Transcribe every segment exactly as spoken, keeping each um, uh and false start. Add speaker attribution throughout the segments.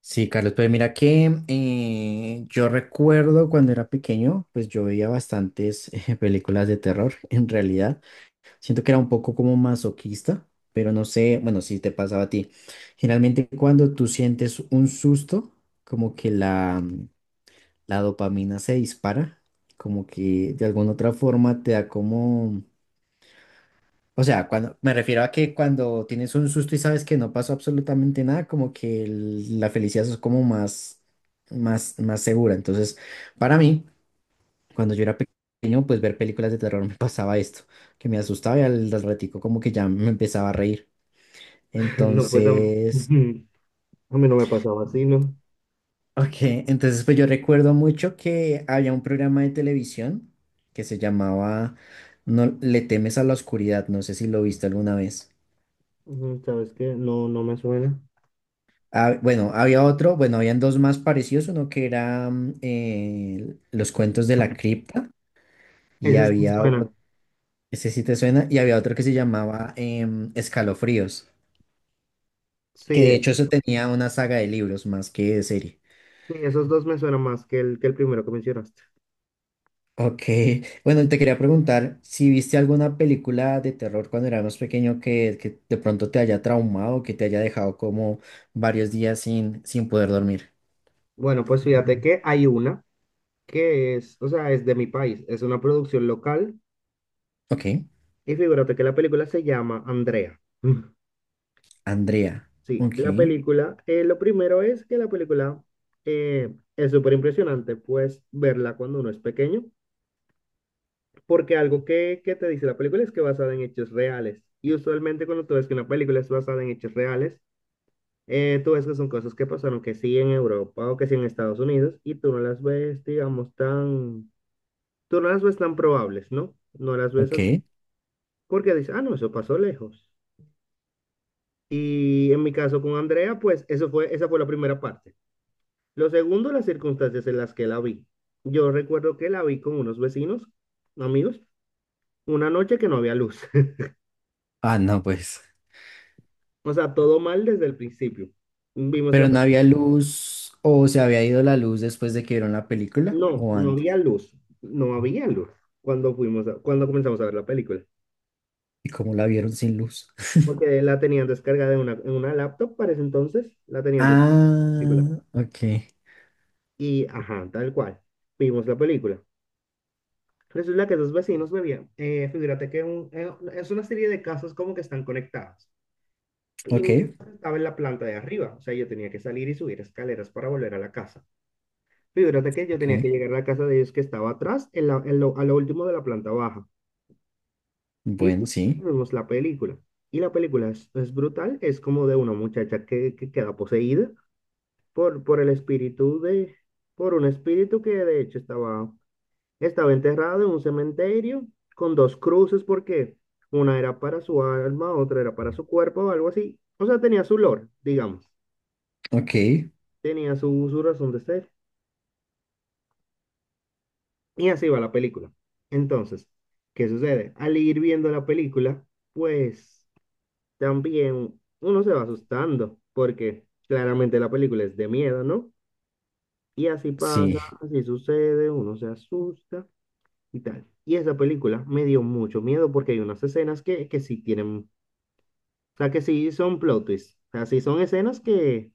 Speaker 1: Sí, Carlos, pues mira que eh, yo recuerdo cuando era pequeño, pues yo veía bastantes eh, películas de terror, en realidad. Siento que era un poco como masoquista, pero no sé, bueno, si te pasaba a ti. Generalmente cuando tú sientes un susto, como que la, mm, la dopamina se dispara, como que de alguna otra forma te da como o sea, cuando me refiero a que cuando tienes un susto y sabes que no pasó absolutamente nada, como que el- la felicidad es como más, más, más segura. Entonces, para mí, cuando yo era pequeño, pues ver películas de terror me pasaba esto, que me asustaba y al, al ratico como que ya me empezaba a reír.
Speaker 2: No, pues a,
Speaker 1: Entonces,
Speaker 2: mí a mí no me pasaba así, ¿no?
Speaker 1: ok, entonces pues yo recuerdo mucho que había un programa de televisión que se llamaba No le temes a la oscuridad, no sé si lo viste alguna vez.
Speaker 2: Ujú, ¿sabes qué? No, no me suena.
Speaker 1: Ah, bueno, había otro, bueno, habían dos más parecidos, uno que era mm, eh, Los cuentos de la cripta y
Speaker 2: Ese sí me
Speaker 1: había otro,
Speaker 2: suena.
Speaker 1: ese sí te suena, y había otro que se llamaba em, Escalofríos, que
Speaker 2: Sí,
Speaker 1: de
Speaker 2: eh,
Speaker 1: hecho eso tenía una saga de libros más que de serie.
Speaker 2: sí, esos dos me suenan más que el, que el primero que mencionaste.
Speaker 1: Ok, bueno, te quería preguntar si viste alguna película de terror cuando eras más pequeño que, que de pronto te haya traumado, que te haya dejado como varios días sin, sin poder dormir.
Speaker 2: Bueno, pues fíjate que hay una que es, o sea, es de mi país, es una producción local
Speaker 1: Ok,
Speaker 2: y figúrate que la película se llama Andrea.
Speaker 1: Andrea.
Speaker 2: Sí, la
Speaker 1: Ok,
Speaker 2: película, eh, lo primero es que la película eh, es súper impresionante, pues verla cuando uno es pequeño. Porque algo que, que te dice la película es que es basada en hechos reales. Y usualmente cuando tú ves que una película es basada en hechos reales, eh, tú ves que son cosas que pasaron que sí en Europa o que sí en Estados Unidos y tú no las ves, digamos, tan, tú no las ves tan probables, ¿no? No las ves
Speaker 1: ok.
Speaker 2: así. Porque dices, ah, no, eso pasó lejos. Y en mi caso con Andrea, pues eso fue, esa fue la primera parte. Lo segundo, las circunstancias en las que la vi. Yo recuerdo que la vi con unos vecinos, amigos, una noche que no había luz.
Speaker 1: Ah, no, pues.
Speaker 2: O sea, todo mal desde el principio. Vimos la
Speaker 1: Pero
Speaker 2: pe-
Speaker 1: no había luz o se había ido la luz después de que vieron la película
Speaker 2: No,
Speaker 1: o
Speaker 2: no había
Speaker 1: antes.
Speaker 2: luz. No había luz cuando fuimos a- cuando comenzamos a ver la película.
Speaker 1: ¿Y cómo la vieron sin luz?
Speaker 2: Porque la tenían descargada en una, en una laptop para ese entonces. La tenían descargada la película.
Speaker 1: Ah, ok,
Speaker 2: Y, ajá, tal cual. Vimos la película. Resulta que dos vecinos bebían. Eh, figúrate que un- eh, es una serie de casas como que están conectadas. Y
Speaker 1: ok,
Speaker 2: mi casa estaba en la planta de arriba. O sea, yo tenía que salir y subir escaleras para volver a la casa. Fíjate que yo
Speaker 1: ok.
Speaker 2: tenía que llegar a la casa de ellos que estaba atrás, en la- en lo- a lo último de la planta baja. Y
Speaker 1: Bueno,
Speaker 2: pues,
Speaker 1: sí,
Speaker 2: vimos la película. Y la película es, es brutal, es como de una muchacha que, que queda poseída por, por el espíritu de, por un espíritu que de hecho estaba, estaba enterrado en un cementerio con dos cruces porque una era para su alma, otra era para su cuerpo o algo así. O sea, tenía su lore, digamos.
Speaker 1: ok,
Speaker 2: Tenía su, su razón de ser. Y así va la película. Entonces, ¿qué sucede? Al ir viendo la película, pues también uno se va asustando, porque claramente la película es de miedo, ¿no? Y así pasa,
Speaker 1: sí,
Speaker 2: así sucede, uno se asusta y tal. Y esa película me dio mucho miedo porque hay unas escenas que, que sí tienen, o sea, que sí son plot twists, o sea, sí son escenas que,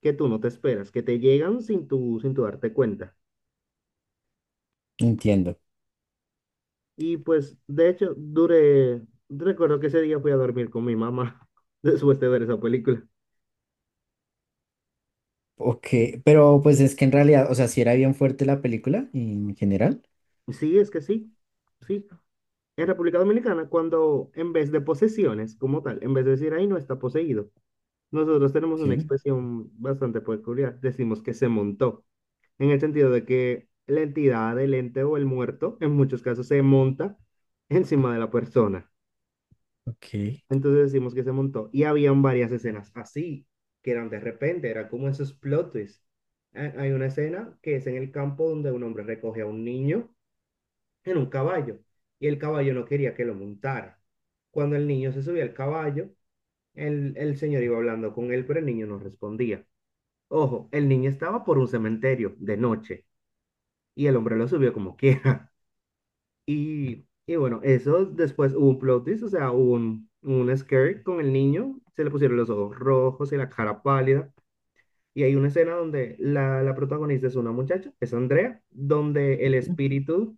Speaker 2: que tú no te esperas, que te llegan sin tu sin tu darte cuenta.
Speaker 1: entiendo.
Speaker 2: Y pues, de hecho, duré, recuerdo que ese día fui a dormir con mi mamá después de ver esa película.
Speaker 1: Ok, pero pues es que en realidad, o sea, si era bien fuerte la película en general.
Speaker 2: Sí, es que sí, sí. En República Dominicana, cuando en vez de posesiones como tal, en vez de decir ahí no está poseído, nosotros tenemos una
Speaker 1: Sí,
Speaker 2: expresión bastante peculiar. Decimos que se montó, en el sentido de que la entidad, el ente o el muerto, en muchos casos, se monta encima de la persona.
Speaker 1: ok,
Speaker 2: Entonces decimos que se montó. Y habían varias escenas así, que eran de repente, era como esos plot twists. Ha- Hay una escena que es en el campo donde un hombre recoge a un niño en un caballo y el caballo no quería que lo montara. Cuando el niño se subía al caballo, el, el señor iba hablando con él, pero el niño no respondía. Ojo, el niño estaba por un cementerio de noche y el hombre lo subió como quiera. Y, y bueno, eso después hubo un plot twist, o sea, hubo un, un scare con el niño, se le pusieron los ojos rojos y la cara pálida. Y hay una escena donde la, la protagonista es una muchacha, es Andrea, donde el espíritu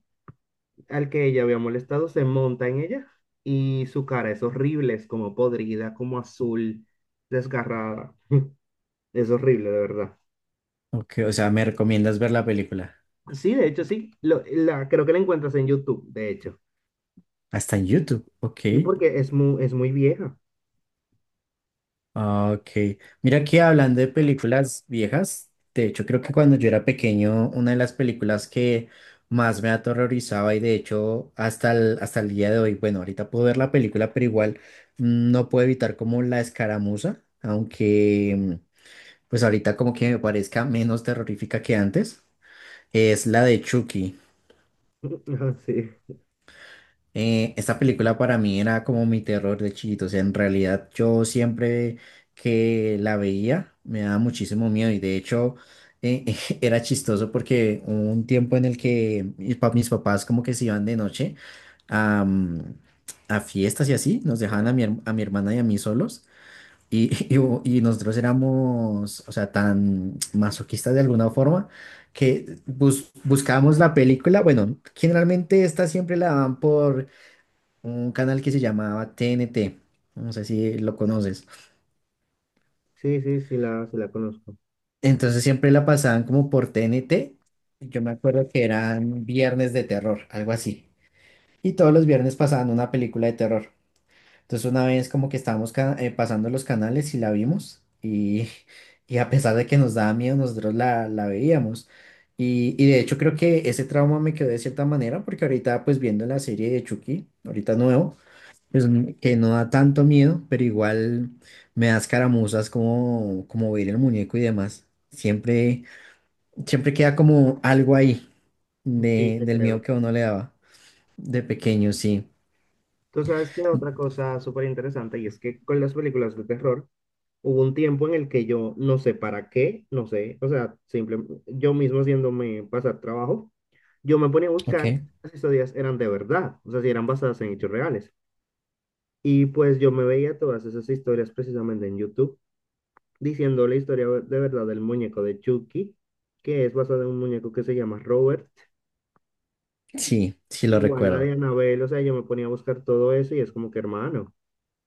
Speaker 2: al que ella había molestado se monta en ella y su cara es horrible, es como podrida, como azul, desgarrada. Es horrible, de verdad.
Speaker 1: ok, o sea, me recomiendas ver la película.
Speaker 2: Sí, de hecho, sí. Lo- la, creo que la encuentras en YouTube, de hecho.
Speaker 1: Hasta en YouTube, ok.
Speaker 2: Sí, porque es muy, es muy vieja.
Speaker 1: Ah, ok, mira que hablando de películas viejas, de hecho creo que cuando yo era pequeño, una de las películas que más me aterrorizaba y de hecho hasta el, hasta el día de hoy, bueno, ahorita puedo ver la película, pero igual mm, no puedo evitar como la escaramuza, aunque mm, pues ahorita como que me parezca menos terrorífica que antes, es la de Chucky.
Speaker 2: Ajá, sí.
Speaker 1: Eh, esta película para mí era como mi terror de chiquito, o sea, en realidad yo siempre que la veía me daba muchísimo miedo y de hecho eh, era chistoso porque hubo un tiempo en el que mis, pa- mis papás como que se iban de noche a, mm, a fiestas y así, nos dejaban a mi, her- a mi hermana y a mí solos y, y, hubo- y nosotros éramos, o sea, tan masoquistas de alguna forma que bus- buscábamos la película, bueno, generalmente esta siempre la dan por un canal que se llamaba T N T. No sé si lo conoces.
Speaker 2: Sí, sí, sí la, sí la conozco.
Speaker 1: Entonces siempre la pasaban como por T N T. Yo me acuerdo que eran viernes de terror, algo así. Y todos los viernes pasaban una película de terror. Entonces una vez como que estábamos ca- eh, pasando los canales y la vimos. Y, y a pesar de que nos daba miedo, nosotros la, la veíamos. Y, y de hecho creo que ese trauma me quedó de cierta manera porque ahorita pues viendo la serie de Chucky, ahorita nuevo. Pues, mm, que no da tanto miedo, pero igual me da escaramuzas como, como ver el muñeco y demás. Siempre, siempre queda como algo ahí
Speaker 2: Sí,
Speaker 1: de,
Speaker 2: te
Speaker 1: del miedo
Speaker 2: creo.
Speaker 1: que a uno le daba de pequeño, sí.
Speaker 2: Tú sabes que otra cosa súper interesante y es que con las películas de terror hubo un tiempo en el que yo no sé para qué, no sé, o sea, simplemente yo mismo haciéndome pasar trabajo, yo me ponía a
Speaker 1: Ok.
Speaker 2: buscar si las historias eran de verdad, o sea, si eran basadas en hechos reales. Y pues yo me veía todas esas historias precisamente en YouTube diciendo la historia de verdad del muñeco de Chucky, que es basada en un muñeco que se llama Robert.
Speaker 1: Sí, sí lo
Speaker 2: Igual la
Speaker 1: recuerdo.
Speaker 2: de Anabel, o sea, yo me ponía a buscar todo eso y es como que, hermano,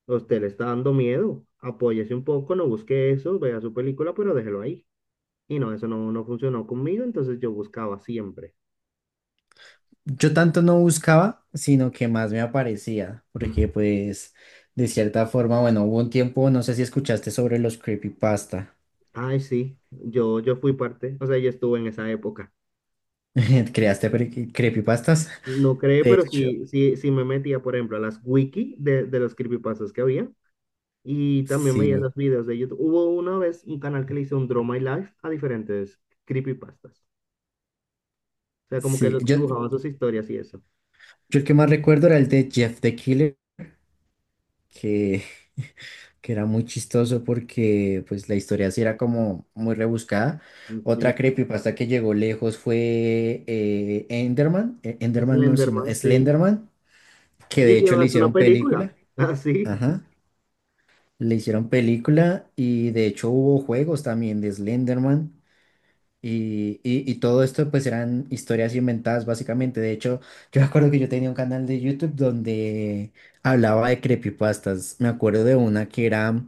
Speaker 2: a usted le está dando miedo, apóyese un poco, no busque eso, vea su película, pero déjelo ahí. Y no, eso no, no funcionó conmigo, entonces yo buscaba siempre.
Speaker 1: Yo tanto no buscaba, sino que más me aparecía, porque
Speaker 2: Mm.
Speaker 1: pues de cierta forma, bueno, hubo un tiempo, no sé si escuchaste sobre los creepypasta.
Speaker 2: Ay, sí, yo, yo fui parte, o sea, yo estuve en esa época.
Speaker 1: ¿Creaste pre- creepypastas?
Speaker 2: No cree,
Speaker 1: De
Speaker 2: pero
Speaker 1: hecho,
Speaker 2: sí, sí, sí me metía, por ejemplo, a las wiki de, de los creepypastas que había y también veía
Speaker 1: sí,
Speaker 2: los videos de YouTube. Hubo una vez un canal que le hizo un Draw My Life a diferentes creepypastas. O sea, como que
Speaker 1: sí.
Speaker 2: los
Speaker 1: Yo,
Speaker 2: dibujaban sus historias y eso.
Speaker 1: Yo el que más recuerdo era el de Jeff the Killer, que, que era muy chistoso porque pues la historia sí era como muy rebuscada. Otra
Speaker 2: Sí,
Speaker 1: creepypasta que llegó lejos fue eh, Enderman, eh, Enderman no, sino
Speaker 2: Slenderman, sí.
Speaker 1: Slenderman, que de
Speaker 2: Y que
Speaker 1: hecho le
Speaker 2: es una
Speaker 1: hicieron
Speaker 2: película.
Speaker 1: película.
Speaker 2: Así.
Speaker 1: Ajá, le hicieron película y de hecho hubo juegos también de Slenderman. Y, y, y todo esto pues eran historias inventadas básicamente. De hecho, yo me acuerdo que yo tenía un canal de YouTube donde hablaba de creepypastas. Me acuerdo de una que era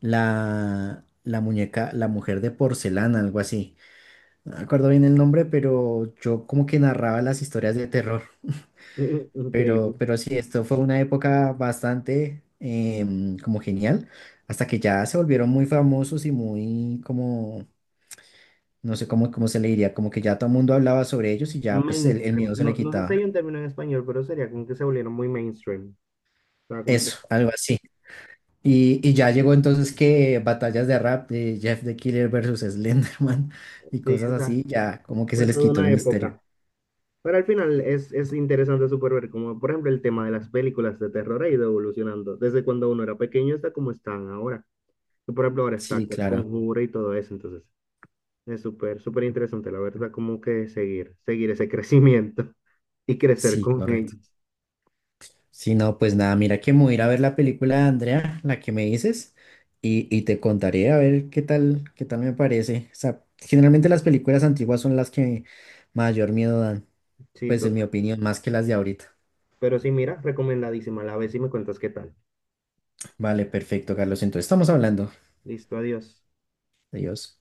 Speaker 1: la, la muñeca, la mujer de porcelana, algo así. No me acuerdo bien el nombre, pero yo como que narraba las historias de terror.
Speaker 2: In- Increíble.
Speaker 1: Pero, pero sí, esto fue una época bastante em, como genial, hasta que ya se volvieron muy famosos y muy como no sé cómo, cómo se le diría, como que ya todo el mundo hablaba sobre ellos y ya pues el, el
Speaker 2: Mainstream.
Speaker 1: miedo se
Speaker 2: No,
Speaker 1: le
Speaker 2: no sé si
Speaker 1: quitaba.
Speaker 2: hay un término en español, pero sería como que se volvieron muy mainstream. O sea, como que
Speaker 1: Eso, algo así. Y, y ya llegó entonces que batallas de rap de Jeff the Killer versus Slenderman y
Speaker 2: sí,
Speaker 1: cosas
Speaker 2: o sea,
Speaker 1: así, ya como que se
Speaker 2: fue
Speaker 1: les
Speaker 2: toda
Speaker 1: quitó el
Speaker 2: una
Speaker 1: misterio.
Speaker 2: época. Pero al final es, es interesante súper ver como, por ejemplo, el tema de las películas de terror ha ido evolucionando. Desde cuando uno era pequeño hasta como están ahora. Y, por ejemplo, ahora está
Speaker 1: Sí,
Speaker 2: el
Speaker 1: claro.
Speaker 2: conjuro y todo eso. Entonces, es súper, súper interesante, la verdad, como que seguir, seguir ese crecimiento y crecer
Speaker 1: Sí,
Speaker 2: con
Speaker 1: correcto.
Speaker 2: ellos.
Speaker 1: Sí, no, pues nada, mira que me voy a ir a ver la película de Andrea, la que me dices, y, y te contaré a ver qué tal, qué tal me parece. O sea, generalmente las películas antiguas son las que mayor miedo dan,
Speaker 2: Sí,
Speaker 1: pues en mi
Speaker 2: total.
Speaker 1: opinión, más que las de ahorita.
Speaker 2: Pero sí, mira, recomendadísima. La ves y me cuentas qué tal.
Speaker 1: Vale, perfecto, Carlos. Entonces estamos hablando.
Speaker 2: Listo, adiós.
Speaker 1: Adiós.